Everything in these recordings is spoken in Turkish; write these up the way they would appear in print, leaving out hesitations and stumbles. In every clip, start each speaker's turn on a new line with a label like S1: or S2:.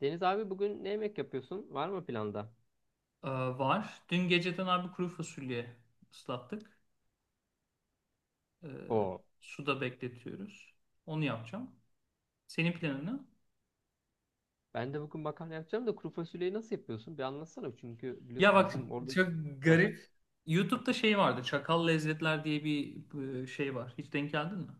S1: Deniz abi bugün ne yemek yapıyorsun? Var mı planda?
S2: Var. Dün geceden abi kuru fasulye ıslattık. Ee,
S1: Oo.
S2: Suda bekletiyoruz. Onu yapacağım. Senin planın ne?
S1: Ben de bugün makarna yapacağım da kuru fasulyeyi nasıl yapıyorsun? Bir anlatsana çünkü
S2: Ya
S1: biliyorsun
S2: bak
S1: bizim orada...
S2: çok
S1: Heh,
S2: garip. YouTube'da şey vardı. Çakal Lezzetler diye bir şey var. Hiç denk geldin mi?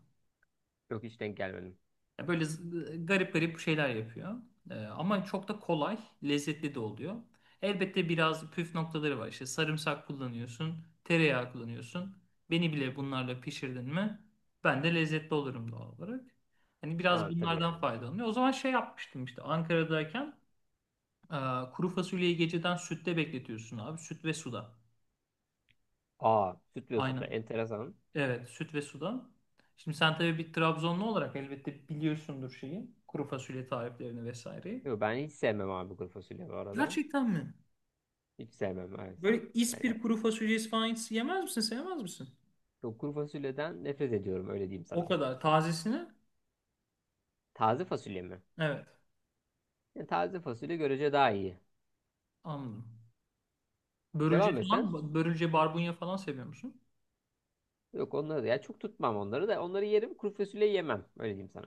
S1: yok hiç denk gelmedim.
S2: Ya böyle garip garip şeyler yapıyor. Ama çok da kolay, lezzetli de oluyor. Elbette biraz püf noktaları var. İşte sarımsak kullanıyorsun, tereyağı kullanıyorsun. Beni bile bunlarla pişirdin mi, ben de lezzetli olurum doğal olarak. Hani biraz
S1: Ha, tabii
S2: bunlardan
S1: yani.
S2: faydalanıyor. O zaman şey yapmıştım işte Ankara'dayken e, kuru fasulyeyi geceden sütte bekletiyorsun abi. Süt ve suda.
S1: Aa sütlü da
S2: Aynen.
S1: enteresan.
S2: Evet, süt ve suda. Şimdi sen tabii bir Trabzonlu olarak elbette biliyorsundur şeyi. Kuru fasulye tariflerini vesaire.
S1: Yok ben hiç sevmem abi kuru fasulye bu arada.
S2: Gerçekten mi?
S1: Hiç sevmem evet.
S2: Böyle
S1: Yani
S2: ispir kuru fasulyesi falan hiç yemez misin? Sevmez misin?
S1: yok, kuru fasulyeden nefret ediyorum öyle diyeyim
S2: O
S1: sana.
S2: kadar. Tazesini?
S1: Taze fasulye mi?
S2: Evet.
S1: Yani taze fasulye görece daha iyi.
S2: Anladım. Börülce
S1: Devam et sen.
S2: falan, börülce barbunya falan seviyor musun?
S1: Yok onları da ya çok tutmam onları da onları yerim kuru fasulye yemem öyle diyeyim sana.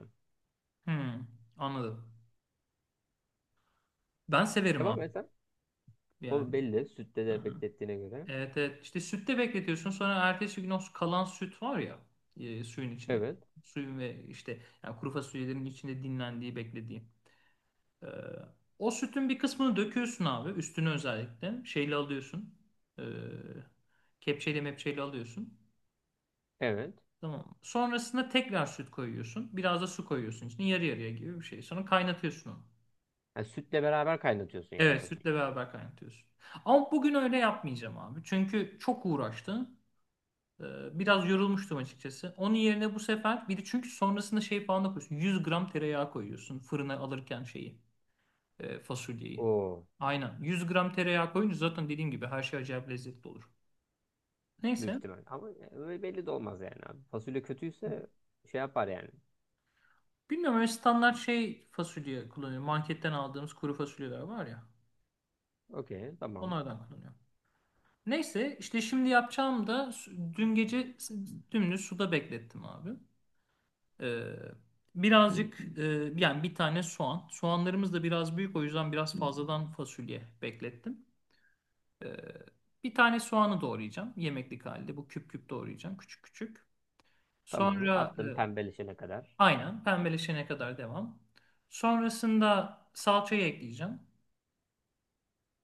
S2: Hmm, Anladım. Ben severim
S1: Devam
S2: abi.
S1: et sen.
S2: Yani.
S1: O belli. Sütte de
S2: Aha.
S1: beklettiğine göre.
S2: Evet evet. İşte sütte bekletiyorsun. Sonra ertesi gün o kalan süt var ya, suyun içinde.
S1: Evet.
S2: Suyun ve işte yani kuru fasulyelerin içinde dinlendiği, beklediği. Ee, O sütün bir kısmını döküyorsun abi. Üstünü özellikle. Şeyle alıyorsun. Ee, Kepçeyle mepçeyle alıyorsun.
S1: Evet.
S2: Tamam. Sonrasında tekrar süt koyuyorsun. Biraz da su koyuyorsun içine. Yarı yarıya gibi bir şey. Sonra kaynatıyorsun onu.
S1: Yani sütle beraber kaynatıyorsun yani
S2: Evet, sütle
S1: fasulyeyi.
S2: beraber kaynatıyorsun. Ama bugün öyle yapmayacağım abi. Çünkü çok uğraştım. Biraz yorulmuştum açıkçası. Onun yerine bu sefer bir de çünkü sonrasında şey falan da koyuyorsun. 100 gram tereyağı koyuyorsun fırına alırken şeyi. Fasulyeyi.
S1: Oo.
S2: Aynen. 100 gram tereyağı koyunca zaten dediğim gibi her şey acayip lezzetli olur.
S1: Büyük
S2: Neyse.
S1: ihtimal. Ama öyle belli de olmaz yani abi. Fasulye kötüyse şey yapar yani.
S2: Bilmiyorum, öyle standart şey fasulye kullanıyorum. Marketten aldığımız kuru fasulyeler var ya.
S1: Okey. Tamam.
S2: Onlardan kullanıyorum. Neyse işte, şimdi yapacağım da dün gece dümdüz suda beklettim abi. Ee, Birazcık yani bir tane soğan. Soğanlarımız da biraz büyük, o yüzden biraz fazladan fasulye beklettim. Ee, Bir tane soğanı doğrayacağım yemeklik halde. Bu küp küp doğrayacağım, küçük küçük.
S1: Tamam.
S2: Sonra
S1: Attım pembeleşene kadar.
S2: aynen, pembeleşene kadar devam. Sonrasında salçayı ekleyeceğim.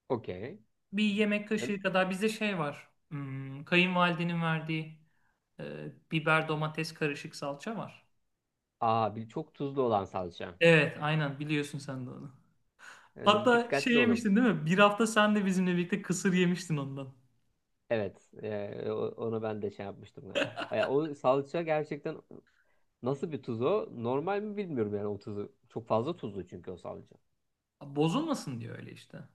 S1: Okey.
S2: Bir yemek kaşığı kadar bizde şey var. Kayınvalidenin verdiği biber domates karışık salça var.
S1: Aa bir çok tuzlu olan salça.
S2: Evet, aynen, biliyorsun sen de onu.
S1: Evet,
S2: Hatta şey
S1: dikkatli olun.
S2: yemiştin değil mi? Bir hafta sen de bizimle birlikte kısır yemiştin ondan.
S1: Evet. Onu ben de şey yapmıştım yani. Ya, o salça gerçekten nasıl bir tuz o? Normal mi bilmiyorum yani o tuzu. Çok fazla tuzlu çünkü o salça.
S2: Bozulmasın diyor öyle işte.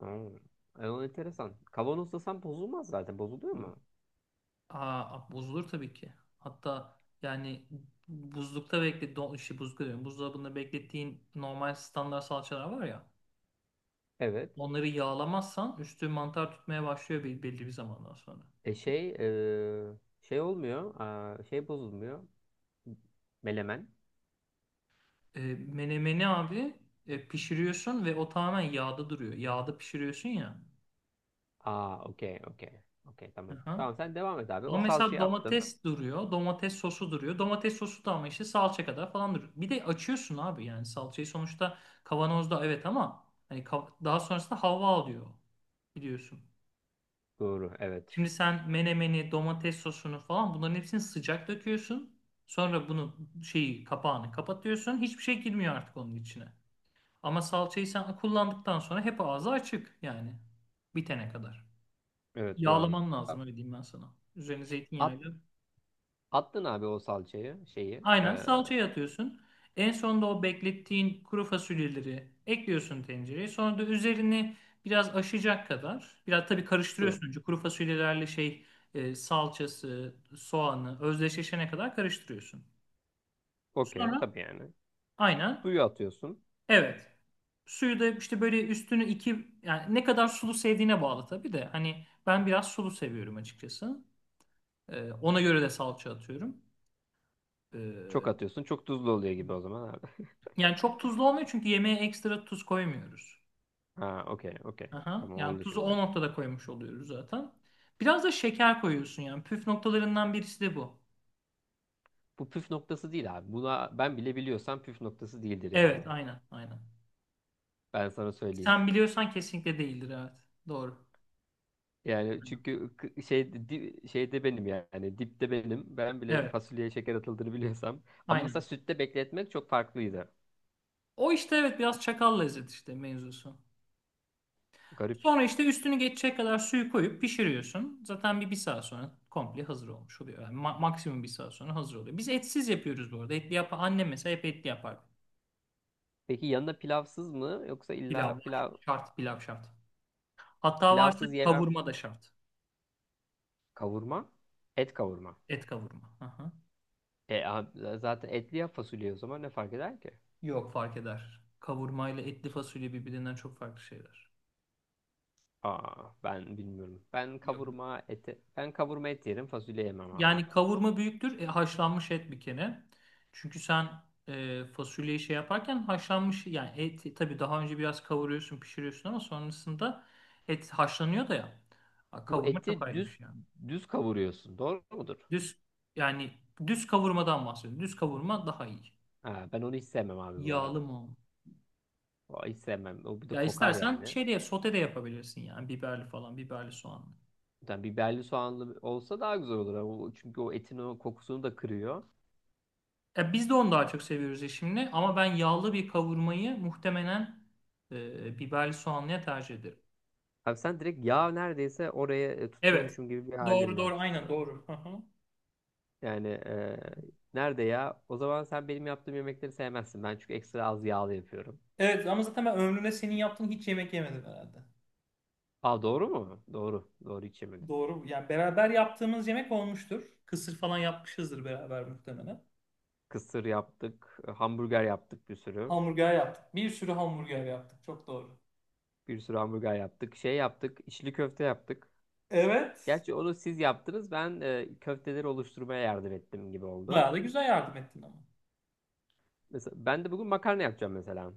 S1: Aa, o enteresan. Kavanozlasan bozulmaz zaten. Bozuluyor mu?
S2: Aa, bozulur tabii ki. Hatta yani buzlukta bekle, don, işte buzlukta diyorum, buzdolabında beklettiğin normal standart salçalar var ya.
S1: Evet.
S2: Onları yağlamazsan üstü mantar tutmaya başlıyor belli bir zamandan sonra.
S1: E şey e, Şey olmuyor. Aa, şey bozulmuyor. Melemen.
S2: Menemeni abi pişiriyorsun ve o tamamen yağda duruyor. Yağda pişiriyorsun ya.
S1: Aa okey okey. Okey tamam.
S2: Aha.
S1: Tamam sen devam et abi.
S2: Ama
S1: O
S2: mesela
S1: salçayı attın.
S2: domates duruyor. Domates sosu duruyor. Domates sosu da ama işte salça kadar falan duruyor. Bir de açıyorsun abi, yani salçayı sonuçta kavanozda, evet, ama hani daha sonrasında hava alıyor biliyorsun.
S1: Doğru evet.
S2: Şimdi sen menemeni, domates sosunu falan, bunların hepsini sıcak döküyorsun. Sonra bunu, şeyi, kapağını kapatıyorsun. Hiçbir şey girmiyor artık onun içine. Ama salçayı sen kullandıktan sonra hep ağzı açık yani. Bitene kadar.
S1: Evet doğru.
S2: Yağlaman lazım,
S1: Tamam.
S2: öyle diyeyim ben sana. Üzerine
S1: At,
S2: zeytinyağıyla.
S1: Attın abi o salçayı şeyi.
S2: Aynen, salçayı atıyorsun. En sonda o beklettiğin kuru fasulyeleri ekliyorsun tencereye. Sonra da üzerini biraz aşacak kadar, biraz tabii
S1: Su.
S2: karıştırıyorsun önce kuru fasulyelerle şey, salçası, soğanı özdeşleşene kadar karıştırıyorsun.
S1: Okey
S2: Sonra
S1: tabii yani.
S2: aynen,
S1: Suyu atıyorsun.
S2: evet. Suyu da işte böyle üstünü iki, yani ne kadar sulu sevdiğine bağlı tabii de. Hani ben biraz sulu seviyorum açıkçası. Ona göre de salça atıyorum.
S1: Çok
S2: E,
S1: atıyorsun. Çok tuzlu oluyor gibi o zaman abi.
S2: Yani çok tuzlu olmuyor çünkü yemeğe ekstra tuz koymuyoruz.
S1: Ha okey okey.
S2: Aha.
S1: Tamam
S2: Yani
S1: oldu
S2: tuzu o
S1: şimdi.
S2: noktada koymuş oluyoruz zaten. Biraz da şeker koyuyorsun yani. Püf noktalarından birisi de bu.
S1: Bu püf noktası değil abi. Buna ben bile biliyorsam püf noktası değildir yani.
S2: Evet, aynen, aynen.
S1: Ben sana söyleyeyim.
S2: Sen biliyorsan kesinlikle değildir, evet. Doğru.
S1: Yani
S2: Aynen.
S1: çünkü şeyde benim yani dipte benim. Ben bile
S2: Evet,
S1: fasulyeye şeker atıldığını biliyorsam. Ama mesela
S2: aynen.
S1: sütte bekletmek çok farklıydı.
S2: O işte, evet, biraz çakal lezzet işte mevzusu.
S1: Garip.
S2: Sonra işte üstünü geçecek kadar suyu koyup pişiriyorsun. Zaten bir saat sonra komple hazır olmuş oluyor. Yani maksimum bir saat sonra hazır oluyor. Biz etsiz yapıyoruz bu arada. Etli yap, annem mesela hep etli yapar.
S1: Peki yanında pilavsız mı yoksa
S2: Pilav
S1: illa
S2: var.
S1: pilav
S2: Şart, pilav şart. Hatta varsa
S1: pilavsız yemem
S2: kavurma da şart.
S1: kavurma? Et kavurma.
S2: Et kavurma. Aha.
S1: E, zaten etli ya fasulye o zaman ne fark eder ki?
S2: Yok, fark eder. Kavurma ile etli fasulye birbirinden çok farklı şeyler.
S1: Aa ben bilmiyorum.
S2: Yok, yok.
S1: Ben kavurma et yerim fasulye yemem abi.
S2: Yani kavurma büyüktür. Haşlanmış et bir kere. Çünkü sen fasulyeyi şey yaparken haşlanmış, yani et tabii daha önce biraz kavuruyorsun, pişiriyorsun ama sonrasında et haşlanıyor da ya. Ha,
S1: Bu
S2: kavurma çok
S1: eti
S2: ayrı bir şey.
S1: düz
S2: Yani
S1: düz kavuruyorsun. Doğru mudur?
S2: düz, yani düz kavurmadan bahsediyorum. Düz kavurma daha iyi.
S1: Ha, ben onu hiç sevmem abi bu
S2: Yağlı
S1: arada.
S2: mı?
S1: O, hiç sevmem. O bir de
S2: Ya
S1: kokar
S2: istersen
S1: yani.
S2: şey de, sote de yapabilirsin yani, biberli falan, biberli soğanlı.
S1: Yani biberli soğanlı olsa daha güzel olur. Ama çünkü o etin o kokusunu da kırıyor.
S2: Ya biz de onu daha çok seviyoruz eşimle, ama ben yağlı bir kavurmayı muhtemelen biberli soğanlıya tercih ederim.
S1: Abi sen direkt yağ neredeyse oraya
S2: Evet.
S1: tutuyormuşum gibi bir
S2: Doğru,
S1: halin
S2: doğru,
S1: var.
S2: aynen doğru. Hı hı.
S1: Yani nerede ya? O zaman sen benim yaptığım yemekleri sevmezsin. Ben çünkü ekstra az yağlı yapıyorum.
S2: Evet, ama zaten ben ömrümde senin yaptığın hiç yemek yemedim herhalde.
S1: Aa doğru mu? Doğru. Doğru içemedim.
S2: Doğru. Yani beraber yaptığımız yemek olmuştur. Kısır falan yapmışızdır beraber muhtemelen.
S1: Kısır yaptık. Hamburger yaptık bir sürü.
S2: Hamburger yaptık. Bir sürü hamburger yaptık. Çok doğru.
S1: Bir sürü hamburger yaptık. Şey yaptık. İçli köfte yaptık.
S2: Evet.
S1: Gerçi onu siz yaptınız. Ben köfteleri oluşturmaya yardım ettim gibi oldu.
S2: Bayağı da güzel yardım ettin ama.
S1: Mesela ben de bugün makarna yapacağım mesela.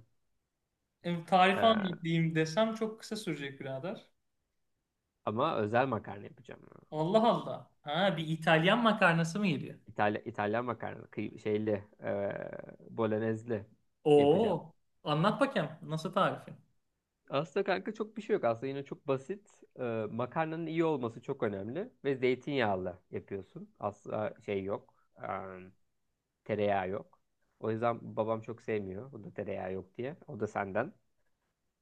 S1: E,
S2: Tarifi anlatayım desem çok kısa sürecek birader.
S1: ama özel makarna yapacağım.
S2: Allah Allah. Ha, bir İtalyan makarnası mı geliyor?
S1: İtalyan makarna. Şeyli. E, bolognezli yapacağım.
S2: Oo. Anlat bakayım. Nasıl tarifin?
S1: Aslında kanka çok bir şey yok. Aslında yine çok basit. E, makarnanın iyi olması çok önemli. Ve zeytinyağlı yapıyorsun. Asla şey yok. Tereyağı yok. O yüzden babam çok sevmiyor. O da tereyağı yok diye. O da senden.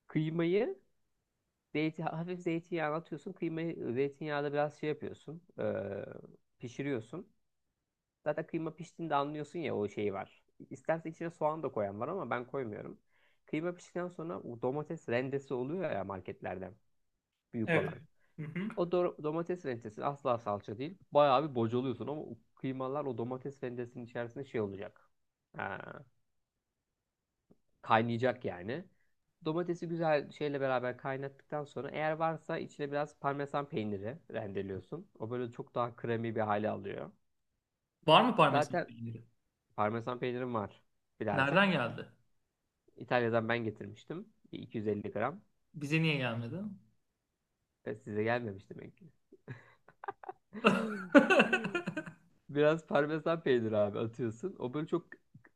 S1: Kıymayı hafif zeytinyağına atıyorsun. Kıymayı zeytinyağda biraz şey yapıyorsun. Pişiriyorsun. Zaten kıyma piştiğinde anlıyorsun ya o şeyi var. İstersen içine soğan da koyan var ama ben koymuyorum. Kıyma piştikten sonra o domates rendesi oluyor ya marketlerden. Büyük
S2: Evet.
S1: olan.
S2: Hı hı.
S1: O domates rendesi asla salça değil. Bayağı bir bocalıyorsun ama o kıymalar o domates rendesinin içerisinde şey olacak. Ha, kaynayacak yani. Domatesi güzel şeyle beraber kaynattıktan sonra eğer varsa içine biraz parmesan peyniri rendeliyorsun. O böyle çok daha kremi bir hale alıyor.
S2: Var mı parmesan
S1: Zaten
S2: peyniri?
S1: parmesan peynirim var birazcık.
S2: Nereden geldi?
S1: İtalya'dan ben getirmiştim. Bir 250 gram.
S2: Bize niye gelmedi?
S1: Ve size gelmemiş demek ki. Biraz parmesan peyniri abi atıyorsun. O böyle çok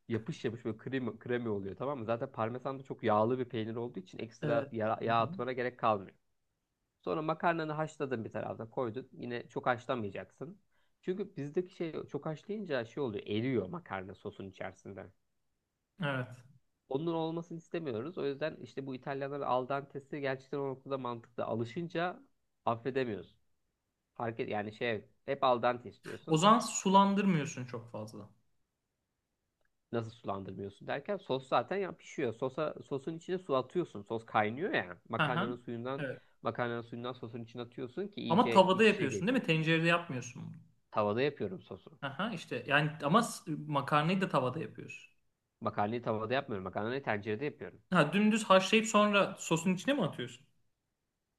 S1: yapış yapış böyle kremi, kremi oluyor tamam mı? Zaten parmesan da çok yağlı bir peynir olduğu için ekstra
S2: Evet. Hı
S1: yağ
S2: hı.
S1: atmana gerek kalmıyor. Sonra makarnanı haşladın bir tarafta koydun. Yine çok haşlamayacaksın. Çünkü bizdeki şey çok haşlayınca şey oluyor. Eriyor makarna sosun içerisinde.
S2: Evet.
S1: Onun olmasını istemiyoruz. O yüzden işte bu İtalyanların al dente'si gerçekten o noktada mantıklı. Alışınca affedemiyoruz. Fark et, yani şey hep al dente
S2: O
S1: istiyorsun.
S2: zaman sulandırmıyorsun çok fazla.
S1: Nasıl sulandırmıyorsun derken sos zaten ya pişiyor. Sosun içine su atıyorsun. Sos kaynıyor ya.
S2: Hı hı. Evet.
S1: Makarnanın suyundan sosun içine atıyorsun ki
S2: Ama
S1: iyice
S2: tavada
S1: iç içe
S2: yapıyorsun
S1: geçsin.
S2: değil mi? Tencerede yapmıyorsun bunu.
S1: Tavada yapıyorum sosu.
S2: Hı hı, işte yani ama makarnayı da tavada yapıyorsun.
S1: Makarnayı tavada yapmıyorum. Makarnayı tencerede yapıyorum.
S2: Ha, dümdüz haşlayıp sonra sosun içine mi atıyorsun?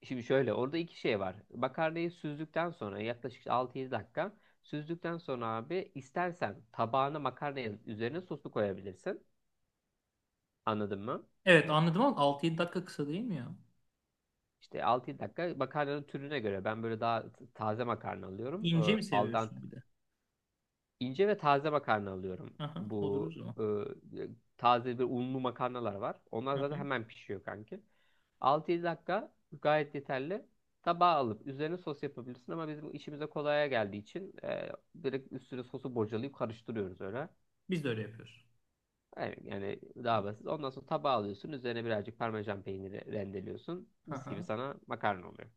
S1: Şimdi şöyle orada iki şey var. Makarnayı süzdükten sonra yaklaşık işte 6-7 dakika süzdükten sonra abi istersen tabağına makarnayı üzerine sosu koyabilirsin. Anladın mı?
S2: Evet, anladım, ama 6-7 dakika kısa değil mi ya?
S1: İşte 6-7 dakika makarnanın türüne göre ben böyle daha taze makarna alıyorum.
S2: İnce mi
S1: Al dente
S2: seviyorsun bir de?
S1: İnce ve taze makarna alıyorum.
S2: Hı hı, olur o
S1: Bu
S2: zaman.
S1: e, taze bir unlu makarnalar var. Onlar zaten hemen pişiyor kanki. 6-7 dakika gayet yeterli. Tabağa alıp üzerine sos yapabilirsin ama bizim işimize kolaya geldiği için direkt üstüne sosu bocalayıp karıştırıyoruz öyle.
S2: Biz de öyle yapıyoruz.
S1: Yani, yani daha basit. Ondan sonra tabağa alıyorsun. Üzerine birazcık parmesan peyniri rendeliyorsun.
S2: Hı
S1: Mis gibi
S2: hı.
S1: sana makarna oluyor.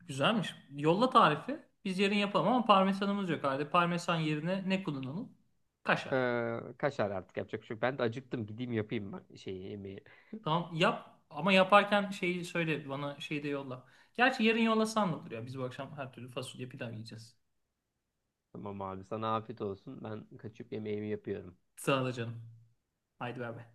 S2: Güzelmiş. Yolla tarifi. Biz yarın yapalım ama parmesanımız yok. Hadi, parmesan yerine ne kullanalım? Kaşar.
S1: Kaşar artık yapacak bir şey yok. Ben de acıktım. Gideyim yapayım bak şeyi, yemeği.
S2: Tamam, yap, ama yaparken şeyi söyle bana, şeyi de yolla. Gerçi yarın yollasan da olur ya. Biz bu akşam her türlü fasulye pilav yiyeceğiz.
S1: Tamam abi sana afiyet olsun. Ben kaçıp yemeğimi yapıyorum.
S2: Sağ ol canım. Haydi ver be.